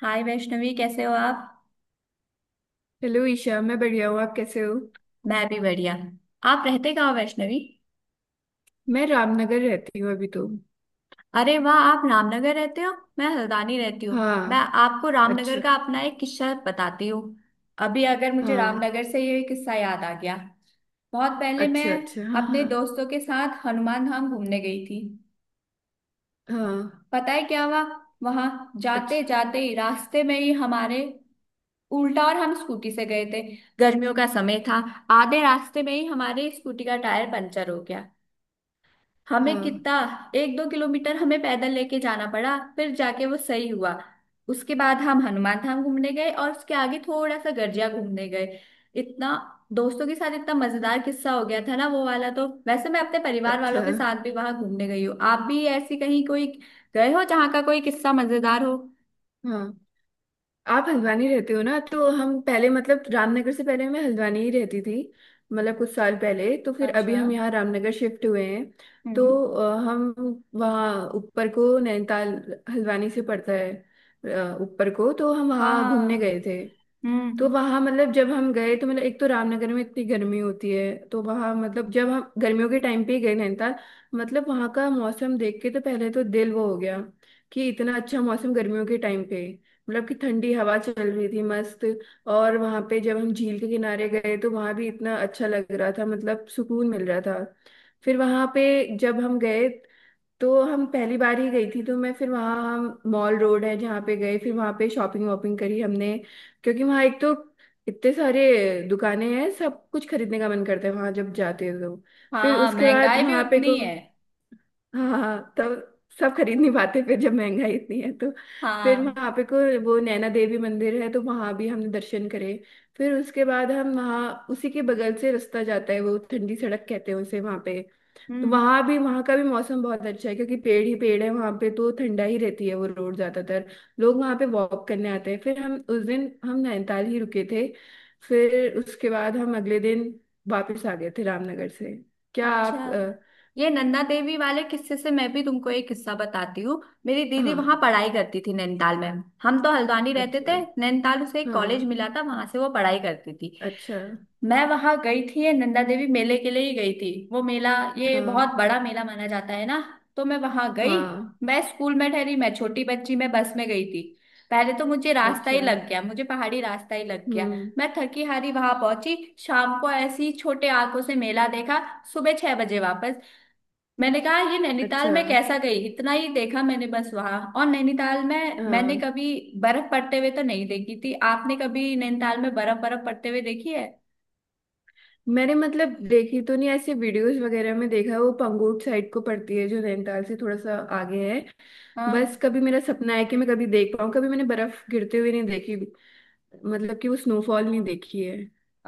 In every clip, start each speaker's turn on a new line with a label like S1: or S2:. S1: हाय वैष्णवी, कैसे हो आप।
S2: हेलो ईशा। मैं बढ़िया हूँ, आप कैसे हो।
S1: मैं भी बढ़िया। आप रहते कहाँ हो वैष्णवी।
S2: मैं रामनगर रहती हूँ अभी तो।
S1: अरे वाह, आप रामनगर रहते हो। मैं हल्द्वानी रहती हूँ। मैं
S2: हाँ।
S1: आपको रामनगर
S2: अच्छा।
S1: का अपना एक किस्सा बताती हूँ। अभी अगर मुझे
S2: हाँ।
S1: रामनगर से ये किस्सा याद आ गया। बहुत पहले मैं
S2: अच्छा, अच्छा, हाँ
S1: अपने
S2: हाँ।
S1: दोस्तों के साथ हनुमान धाम घूमने गई थी।
S2: हाँ।
S1: पता है क्या हुआ। वहां जाते
S2: अच्छा।
S1: जाते ही रास्ते में ही हमारे उल्टा, और हम स्कूटी से गए थे। गर्मियों का समय था। आधे रास्ते में ही हमारे स्कूटी का टायर पंचर हो गया। हमें
S2: हाँ।
S1: कितना एक दो किलोमीटर हमें पैदल लेके जाना पड़ा, फिर जाके वो सही हुआ। उसके बाद हम हनुमान धाम घूमने गए और उसके आगे थोड़ा सा गर्जिया घूमने गए। इतना दोस्तों के साथ इतना मजेदार किस्सा हो गया था ना वो वाला। तो वैसे मैं अपने परिवार वालों
S2: अच्छा।
S1: के साथ भी वहां घूमने गई हूँ। आप भी ऐसी कहीं कोई गए हो जहाँ का कोई किस्सा मजेदार हो।
S2: हाँ। आप हल्द्वानी रहते हो ना, तो हम पहले मतलब रामनगर से पहले मैं हल्द्वानी ही रहती थी, मतलब कुछ साल पहले। तो फिर अभी
S1: अच्छा।
S2: हम यहाँ रामनगर शिफ्ट हुए हैं। तो
S1: हम्म।
S2: हम वहाँ ऊपर को नैनीताल, हल्द्वानी से पड़ता है। ऊपर को तो हम
S1: हाँ
S2: वहाँ घूमने
S1: हाँ।
S2: गए थे। तो
S1: हम्म।
S2: वहां मतलब जब हम गए तो मतलब एक तो रामनगर में इतनी गर्मी होती है, तो वहां मतलब जब हम गर्मियों के टाइम पे ही गए नैनीताल, मतलब वहां का मौसम देख के तो पहले तो दिल वो हो गया कि इतना अच्छा मौसम गर्मियों के टाइम पे। मतलब कि ठंडी हवा चल रही थी मस्त। और वहां पे जब हम झील के किनारे गए तो वहां भी इतना अच्छा लग रहा था, मतलब सुकून मिल रहा था। फिर वहां पे जब हम गए तो हम पहली बार ही गई थी, तो मैं फिर वहाँ, हम मॉल रोड है जहाँ पे गए, फिर वहाँ पे शॉपिंग वॉपिंग करी हमने। क्योंकि वहाँ एक तो इतने सारे दुकानें हैं, सब कुछ खरीदने का मन करता है वहाँ जब जाते हैं तो। फिर
S1: हाँ,
S2: उसके बाद
S1: महंगाई भी
S2: वहाँ पे
S1: उतनी
S2: को
S1: है।
S2: हाँ हाँ हाँ, तब सब खरीद नहीं पाते फिर जब महंगाई इतनी है तो। फिर
S1: हाँ।
S2: वहाँ पे को वो नैना देवी मंदिर है, तो वहाँ भी हमने दर्शन करे। फिर उसके बाद हम वहाँ उसी के बगल से रास्ता जाता है, वो ठंडी सड़क कहते हैं उसे, वहाँ पे तो
S1: हम्म।
S2: वहां भी वहां का भी मौसम बहुत अच्छा है क्योंकि पेड़ ही पेड़ है वहां पे, तो ठंडा ही रहती है वो रोड ज्यादातर। लोग वहां पे वॉक करने आते हैं। फिर हम उस दिन हम नैनीताल ही रुके थे, फिर उसके बाद हम अगले दिन वापस आ गए थे रामनगर से। क्या आप
S1: अच्छा, ये नन्दा देवी वाले किस्से से मैं भी तुमको एक किस्सा बताती हूँ। मेरी दीदी वहां
S2: हाँ।
S1: पढ़ाई करती थी नैनीताल में। हम तो हल्द्वानी रहते
S2: अच्छा।
S1: थे, नैनीताल उसे एक
S2: हाँ।
S1: कॉलेज मिला था, वहां से वो पढ़ाई करती थी।
S2: अच्छा,
S1: मैं वहां गई थी, ये नंदा देवी मेले के लिए ही गई थी वो मेला। ये
S2: हाँ
S1: बहुत बड़ा मेला माना जाता है ना। तो मैं वहां गई।
S2: हाँ।
S1: मैं स्कूल में ठहरी, मैं छोटी बच्ची, मैं बस में गई थी। पहले तो मुझे रास्ता ही
S2: अच्छा।
S1: लग गया, मुझे पहाड़ी रास्ता ही लग गया।
S2: हम्म।
S1: मैं थकी हारी वहां पहुंची। शाम को ऐसी छोटे आंखों से मेला देखा, सुबह 6 बजे वापस। मैंने कहा ये नैनीताल
S2: अच्छा।
S1: में कैसा गई, इतना ही देखा मैंने बस वहां। और नैनीताल में मैंने
S2: हाँ।
S1: कभी बर्फ पड़ते हुए तो नहीं देखी थी। आपने कभी नैनीताल में बर्फ बर्फ पड़ते हुए देखी है।
S2: मैंने मतलब देखी तो नहीं, ऐसे वीडियोस वगैरह में देखा है। वो पंगोट साइड को पड़ती है जो नैनीताल से थोड़ा सा आगे है। बस
S1: हाँ।
S2: कभी मेरा सपना है कि मैं कभी देख पाऊँ, कभी मैंने बर्फ गिरते हुए नहीं देखी, मतलब कि वो स्नोफॉल नहीं देखी है।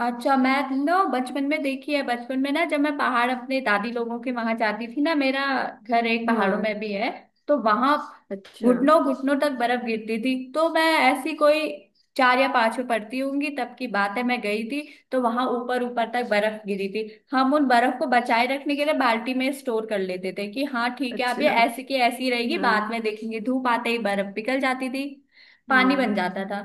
S1: अच्छा, मैं ना बचपन में देखी है। बचपन में ना जब मैं पहाड़ अपने दादी लोगों के वहां जाती थी ना, मेरा घर एक पहाड़ों में
S2: हाँ।
S1: भी है। तो वहां
S2: अच्छा।
S1: घुटनों घुटनों तक बर्फ गिरती थी। तो मैं ऐसी कोई 4 या 5 में पढ़ती होंगी तब की बात है, मैं गई थी। तो वहां ऊपर ऊपर तक बर्फ गिरी थी। हम उन बर्फ को बचाए रखने के लिए बाल्टी में स्टोर कर लेते थे कि हाँ ठीक है, अब ये
S2: अच्छा।
S1: ऐसी की ऐसी रहेगी,
S2: हाँ।
S1: बाद में देखेंगे। धूप आते ही बर्फ पिघल जाती थी, पानी
S2: हम्म।
S1: बन जाता था।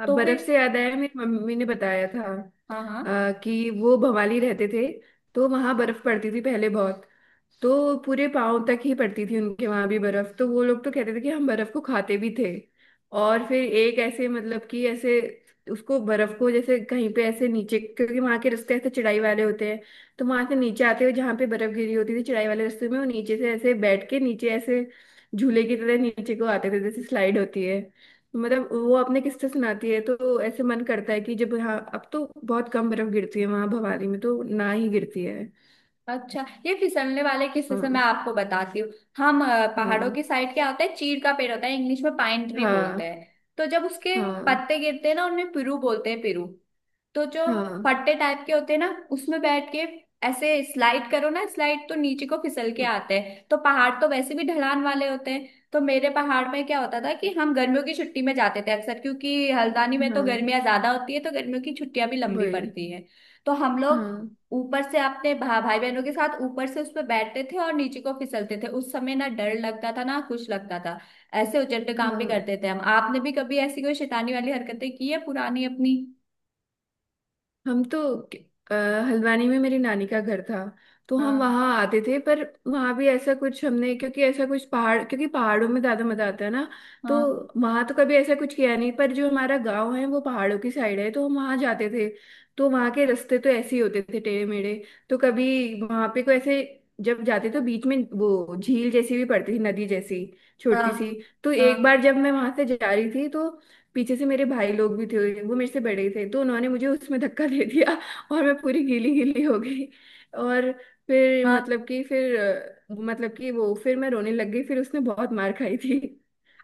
S2: अब
S1: तो फिर।
S2: बर्फ से याद आया, मेरी मम्मी ने बताया था
S1: हाँ हाँ।
S2: अ, कि वो भवाली रहते थे, तो वहां बर्फ पड़ती थी पहले बहुत। तो पूरे पाँव तक ही पड़ती थी उनके वहां भी बर्फ, तो वो लोग तो कहते थे कि हम बर्फ को खाते भी थे। और फिर एक ऐसे मतलब कि ऐसे उसको बर्फ को जैसे कहीं पे ऐसे नीचे, क्योंकि वहां के रास्ते ऐसे चढ़ाई वाले होते हैं, तो वहां से नीचे आते हुए जहाँ पे बर्फ गिरी होती थी चढ़ाई वाले रास्ते में, वो नीचे से ऐसे बैठ के नीचे ऐसे झूले की तरह नीचे को आते थे, जैसे स्लाइड होती है। तो मतलब वो आपने किस्से सुनाती है तो ऐसे मन करता है कि जब यहाँ अब तो बहुत कम बर्फ गिरती है, वहां भवाली में तो ना ही गिरती है।
S1: अच्छा, ये फिसलने वाले किस्से से मैं
S2: हाँ
S1: आपको बताती हूँ। हम पहाड़ों
S2: हाँ।
S1: की साइड क्या होता है, चीड़ का पेड़ होता है, इंग्लिश में पाइन ट्री बोलते
S2: हाँ
S1: हैं। तो जब उसके
S2: हाँ।
S1: पत्ते गिरते हैं ना, उनमें पिरू बोलते हैं, पिरू। तो जो
S2: हाँ
S1: फट्टे टाइप के होते हैं ना, उसमें बैठ के ऐसे स्लाइड करो ना, स्लाइड तो नीचे को फिसल के आते हैं। तो पहाड़ तो वैसे भी ढलान वाले होते हैं। तो मेरे पहाड़ में क्या होता था कि हम गर्मियों की छुट्टी में जाते थे अक्सर, क्योंकि हल्द्वानी में तो
S2: हाँ।
S1: गर्मियां ज्यादा होती है तो गर्मियों की छुट्टियां भी लंबी
S2: वही।
S1: पड़ती हैं। तो हम लोग
S2: हाँ
S1: ऊपर से अपने भाई बहनों के साथ ऊपर से उस पर बैठते थे और नीचे को फिसलते थे। उस समय ना डर लगता था ना कुछ लगता था। ऐसे उचट काम भी
S2: हाँ।
S1: करते थे हम। आपने भी कभी ऐसी कोई शैतानी वाली हरकतें की है पुरानी अपनी।
S2: हम तो अ, हल्द्वानी में मेरी नानी का घर था, तो हम
S1: हाँ
S2: वहाँ आते थे। पर वहाँ भी ऐसा कुछ हमने, क्योंकि ऐसा कुछ पहाड़, क्योंकि पहाड़ों में ज्यादा मजा आता है ना। तो
S1: हाँ
S2: वहाँ तो कभी ऐसा कुछ किया नहीं, पर जो हमारा गांव है वो पहाड़ों की साइड है तो हम वहाँ जाते थे। तो वहाँ के रास्ते तो ऐसे ही होते थे टेढ़े मेढ़े। तो कभी वहाँ पे कोई ऐसे जब जाते तो बीच में वो झील जैसी भी पड़ती थी, नदी जैसी,
S1: हाँ
S2: छोटी सी। तो एक
S1: हाँ
S2: बार जब मैं वहां से जा रही थी तो पीछे से मेरे भाई लोग भी थे, वो मेरे से बड़े थे तो उन्होंने मुझे उसमें धक्का दे दिया और मैं पूरी गीली गीली हो गई। और फिर
S1: हाँ।
S2: मतलब कि फिर मतलब कि वो फिर मैं रोने लग गई, फिर उसने बहुत मार खाई थी।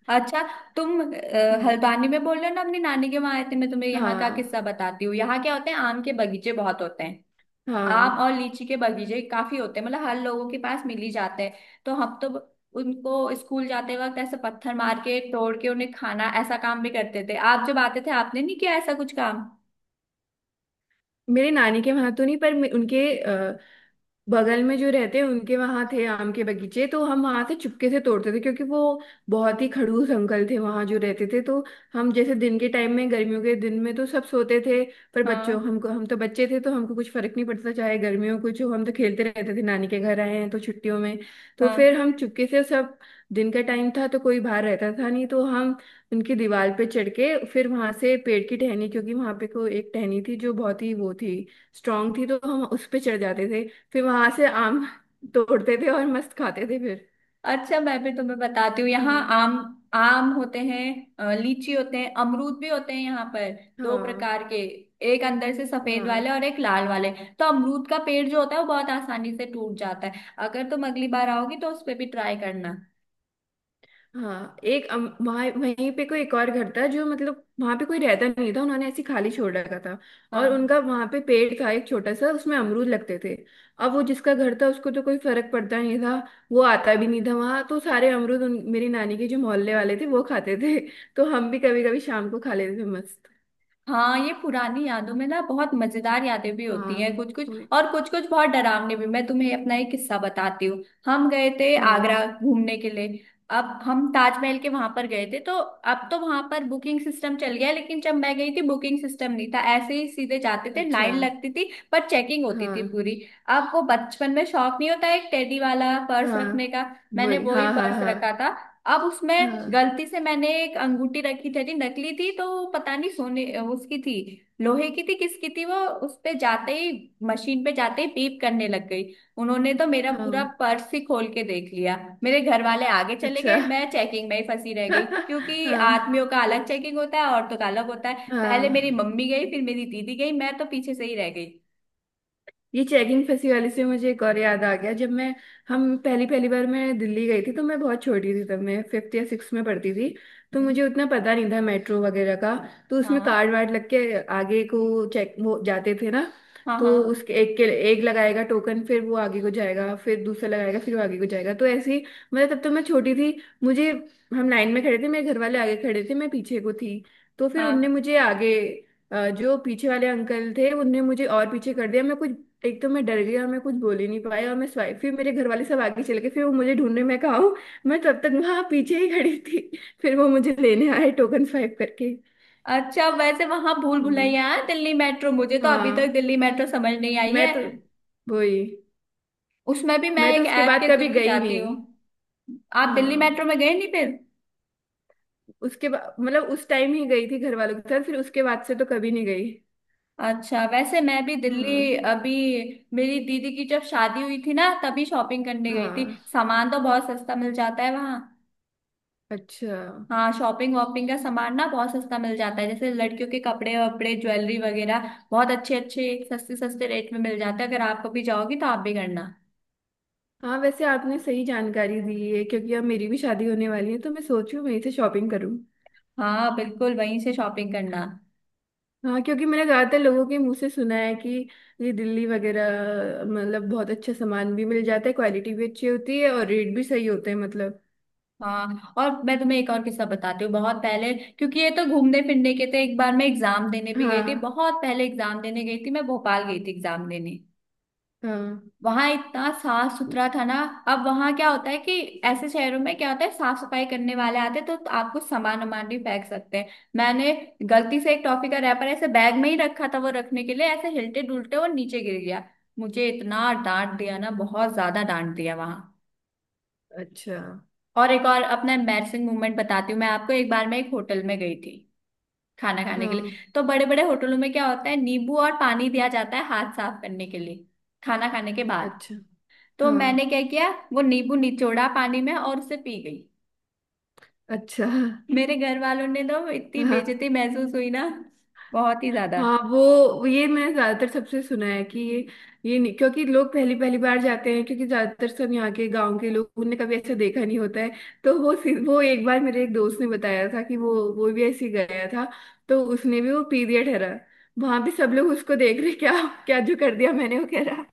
S1: अच्छा, तुम
S2: हाँ।
S1: हल्द्वानी में बोल रहे हो ना अपनी नानी के वहां आए थे। मैं तुम्हें यहाँ का
S2: हाँ।
S1: किस्सा बताती हूँ। यहाँ क्या होते हैं, आम के बगीचे बहुत होते हैं।
S2: हाँ।
S1: आम और लीची के बगीचे काफी होते हैं, मतलब हर लोगों के पास मिल ही जाते हैं। तो हम तो उनको स्कूल जाते वक्त ऐसे पत्थर मार के तोड़ के उन्हें खाना, ऐसा काम भी करते थे। आप जब आते थे आपने नहीं किया ऐसा कुछ काम।
S2: मेरे नानी के वहां तो नहीं, पर उनके बगल में जो रहते हैं उनके वहां थे आम के बगीचे, तो हम वहां से चुपके से तोड़ते थे। क्योंकि वो बहुत ही खड़ूस अंकल थे वहां जो रहते थे। तो हम जैसे दिन के टाइम में गर्मियों के दिन में तो सब सोते थे, पर बच्चों
S1: हाँ
S2: हमको, हम तो बच्चे थे तो हमको कुछ फर्क नहीं पड़ता था, चाहे गर्मियों कुछ हो हम तो खेलते रहते थे नानी के घर आए हैं तो छुट्टियों में। तो
S1: हाँ।
S2: फिर हम चुपके से सब, दिन का टाइम था तो कोई बाहर रहता था नहीं, तो हम उनकी दीवार पे चढ़ के फिर वहां से पेड़ की टहनी, क्योंकि वहां पे को एक टहनी थी जो बहुत ही वो थी, स्ट्रांग थी, तो हम उस पे चढ़ जाते थे, फिर वहां से आम तोड़ते थे और मस्त खाते थे फिर।
S1: अच्छा, मैं भी तुम्हें बताती हूँ, यहाँ
S2: हाँ।
S1: आम आम होते हैं, लीची होते हैं, अमरूद भी होते हैं यहाँ पर, दो
S2: हाँ।
S1: प्रकार के, एक अंदर से सफेद
S2: हाँ।
S1: वाले और एक लाल वाले। तो अमरूद का पेड़ जो होता है वो बहुत आसानी से टूट जाता है, अगर तुम अगली बार आओगी तो उस पे भी ट्राई करना।
S2: हाँ एक वहाँ वहीं पे कोई एक और घर था जो मतलब वहां पे कोई रहता नहीं था, उन्होंने ऐसे खाली छोड़ रखा था। और
S1: हाँ
S2: उनका वहां पे पेड़ था एक छोटा सा, उसमें अमरूद लगते थे। अब वो जिसका घर था उसको तो कोई फर्क पड़ता नहीं था, वो आता भी नहीं था वहां। तो सारे अमरूद मेरी नानी के जो मोहल्ले वाले थे वो खाते थे तो हम भी कभी कभी शाम को खा लेते थे मस्त।
S1: हाँ, ये पुरानी यादों में ना बहुत मजेदार यादें भी होती हैं,
S2: हाँ।
S1: कुछ कुछ,
S2: वही-
S1: और कुछ कुछ बहुत डरावनी भी। मैं तुम्हें अपना एक किस्सा बताती हूँ, हम गए थे
S2: हाँ।
S1: आगरा घूमने के लिए। अब हम ताजमहल के वहां पर गए थे, तो अब तो वहां पर बुकिंग सिस्टम चल गया है, लेकिन जब मैं गई थी बुकिंग सिस्टम नहीं था, ऐसे ही सीधे जाते थे,
S2: अच्छा।
S1: लाइन लगती थी पर चेकिंग होती थी
S2: हाँ।
S1: पूरी। अब वो बचपन में शौक नहीं होता एक टेडी वाला पर्स रखने
S2: हाँ।
S1: का। मैंने
S2: वही।
S1: वो ही
S2: हाँ। हाँ।
S1: पर्स रखा
S2: हाँ।
S1: था। अब उसमें
S2: हाँ।
S1: गलती से मैंने एक अंगूठी रखी थी जी, नकली थी तो वो पता नहीं सोने उसकी थी, लोहे की थी, किसकी थी वो। उस पे जाते ही, मशीन पे जाते ही पीप करने लग गई। उन्होंने तो मेरा पूरा
S2: हाँ।
S1: पर्स ही खोल के देख लिया। मेरे घर वाले आगे चले
S2: अच्छा।
S1: गए, मैं चेकिंग में ही फंसी रह गई, क्योंकि
S2: हाँ।
S1: आदमियों का अलग चेकिंग होता है, औरतों का अलग होता है।
S2: हाँ।
S1: पहले मेरी
S2: हाँ।
S1: मम्मी गई, फिर मेरी दीदी गई, मैं तो पीछे से ही रह गई।
S2: ये चेकिंग फंसी वाली से मुझे एक और याद आ गया, जब मैं हम पहली पहली बार मैं दिल्ली गई थी तो मैं बहुत छोटी थी तब, मैं फिफ्थ या सिक्स में पढ़ती थी तो
S1: हम्म,
S2: मुझे उतना पता नहीं था मेट्रो वगैरह का। तो उसमें कार्ड
S1: हाँ
S2: वार्ड लग के आगे को चेक वो जाते थे ना,
S1: हाँ
S2: तो
S1: हाँ
S2: उसके एक के एक लगाएगा टोकन फिर वो आगे को जाएगा, फिर दूसरा लगाएगा फिर वो आगे को जाएगा, तो ऐसे ही, मतलब तब तो मैं छोटी थी मुझे, हम लाइन में खड़े थे, मेरे घर वाले आगे खड़े थे मैं पीछे को थी। तो फिर उनने
S1: हाँ।
S2: मुझे आगे जो पीछे वाले अंकल थे उनने मुझे और पीछे कर दिया, मैं कुछ, एक तो मैं डर गई और मैं कुछ बोल ही नहीं पाई, और मैं स्वाइप, फिर मेरे घर वाले सब आगे चले गए फिर वो मुझे ढूंढने में कहा हूँ, मैं तब तक वहां पीछे ही खड़ी थी फिर वो मुझे लेने आए टोकन स्वाइप करके।
S1: अच्छा, वैसे वहां भूल
S2: हाँ
S1: भुलैया है दिल्ली मेट्रो, मुझे तो अभी तक
S2: हाँ,
S1: दिल्ली मेट्रो समझ नहीं आई
S2: मैं
S1: है,
S2: तो, वही,
S1: उसमें भी मैं
S2: मैं तो
S1: एक
S2: उसके
S1: ऐप
S2: बाद
S1: के
S2: कभी
S1: थ्रू ही
S2: गई
S1: जाती
S2: नहीं।
S1: हूँ। आप दिल्ली मेट्रो
S2: हाँ
S1: में गए नहीं फिर।
S2: उसके बाद मतलब उस टाइम ही गई थी घर वालों के साथ, फिर उसके बाद से तो कभी नहीं गई।
S1: अच्छा, वैसे मैं भी
S2: हाँ।
S1: दिल्ली अभी मेरी दीदी की जब शादी हुई थी ना तभी शॉपिंग करने गई थी।
S2: हाँ।
S1: सामान तो बहुत सस्ता मिल जाता है वहाँ।
S2: अच्छा।
S1: हाँ, शॉपिंग वॉपिंग का सामान ना बहुत सस्ता मिल जाता है, जैसे लड़कियों के कपड़े वपड़े, ज्वेलरी वगैरह बहुत अच्छे अच्छे सस्ते सस्ते रेट में मिल जाते हैं, अगर आप कभी जाओगी तो आप भी करना।
S2: हाँ वैसे आपने सही जानकारी दी है, क्योंकि अब मेरी भी शादी होने वाली है तो मैं सोच रही हूँ वहीं से शॉपिंग करूँ।
S1: हाँ बिल्कुल, वहीं से शॉपिंग करना।
S2: हाँ क्योंकि मैंने ज्यादातर लोगों के मुंह से सुना है कि ये दिल्ली वगैरह मतलब बहुत अच्छा सामान भी मिल जाता है, क्वालिटी भी अच्छी होती है और रेट भी सही होते हैं मतलब।
S1: हाँ, और मैं तुम्हें एक और किस्सा बताती हूँ, बहुत पहले, क्योंकि ये तो घूमने फिरने के थे, एक बार मैं एग्जाम देने भी गई थी।
S2: हाँ।
S1: बहुत पहले एग्जाम देने गई थी, मैं भोपाल गई थी एग्जाम देने।
S2: हाँ।
S1: वहां इतना साफ सुथरा था ना। अब वहां क्या होता है कि ऐसे शहरों में क्या होता है, साफ सफाई करने वाले आते हैं तो आपको सामान वामान भी फेंक सकते हैं। मैंने गलती से एक टॉफी का रैपर ऐसे बैग में ही रखा था, वो रखने के लिए ऐसे हिलते डुलते वो नीचे गिर गया। मुझे इतना डांट दिया ना, बहुत ज्यादा डांट दिया वहां।
S2: अच्छा।
S1: और एक और अपना एम्बैरसिंग मोमेंट बताती हूँ मैं आपको, एक बार मैं एक होटल में गई थी खाना खाने के
S2: हाँ।
S1: लिए। तो बड़े बड़े होटलों में क्या होता है, नींबू और पानी दिया जाता है हाथ साफ करने के लिए खाना खाने के बाद।
S2: अच्छा।
S1: तो
S2: हाँ।
S1: मैंने क्या किया, वो नींबू निचोड़ा पानी में और उसे पी गई।
S2: अच्छा।
S1: मेरे घर वालों ने तो इतनी बेइज्जती
S2: हाँ।
S1: महसूस हुई ना, बहुत ही ज्यादा।
S2: हाँ वो ये मैंने ज्यादातर सबसे सुना है कि ये नहीं, क्योंकि लोग पहली पहली बार जाते हैं क्योंकि ज्यादातर सब यहाँ के गांव के लोग उनने कभी ऐसा देखा नहीं होता है। तो वो वो एक बार मेरे एक दोस्त ने बताया था कि वो भी ऐसे ही गया था, तो उसने भी वो पी दिया ठहरा। वहां पे सब लोग उसको देख रहे क्या, क्या जो कर दिया मैंने, वो कह रहा।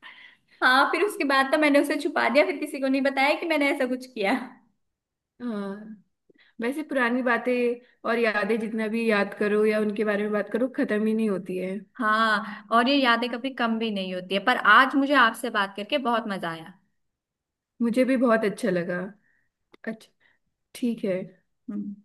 S1: हाँ फिर उसके बाद तो मैंने उसे छुपा दिया, फिर किसी को नहीं बताया कि मैंने ऐसा कुछ किया।
S2: हाँ वैसे पुरानी बातें और यादें जितना भी याद करो या उनके बारे में बात करो खत्म ही नहीं होती है।
S1: हाँ, और ये यादें कभी कम भी नहीं होती है, पर आज मुझे आपसे बात करके बहुत मजा आया।
S2: मुझे भी बहुत अच्छा लगा। अच्छा। ठीक है।
S1: हम्म।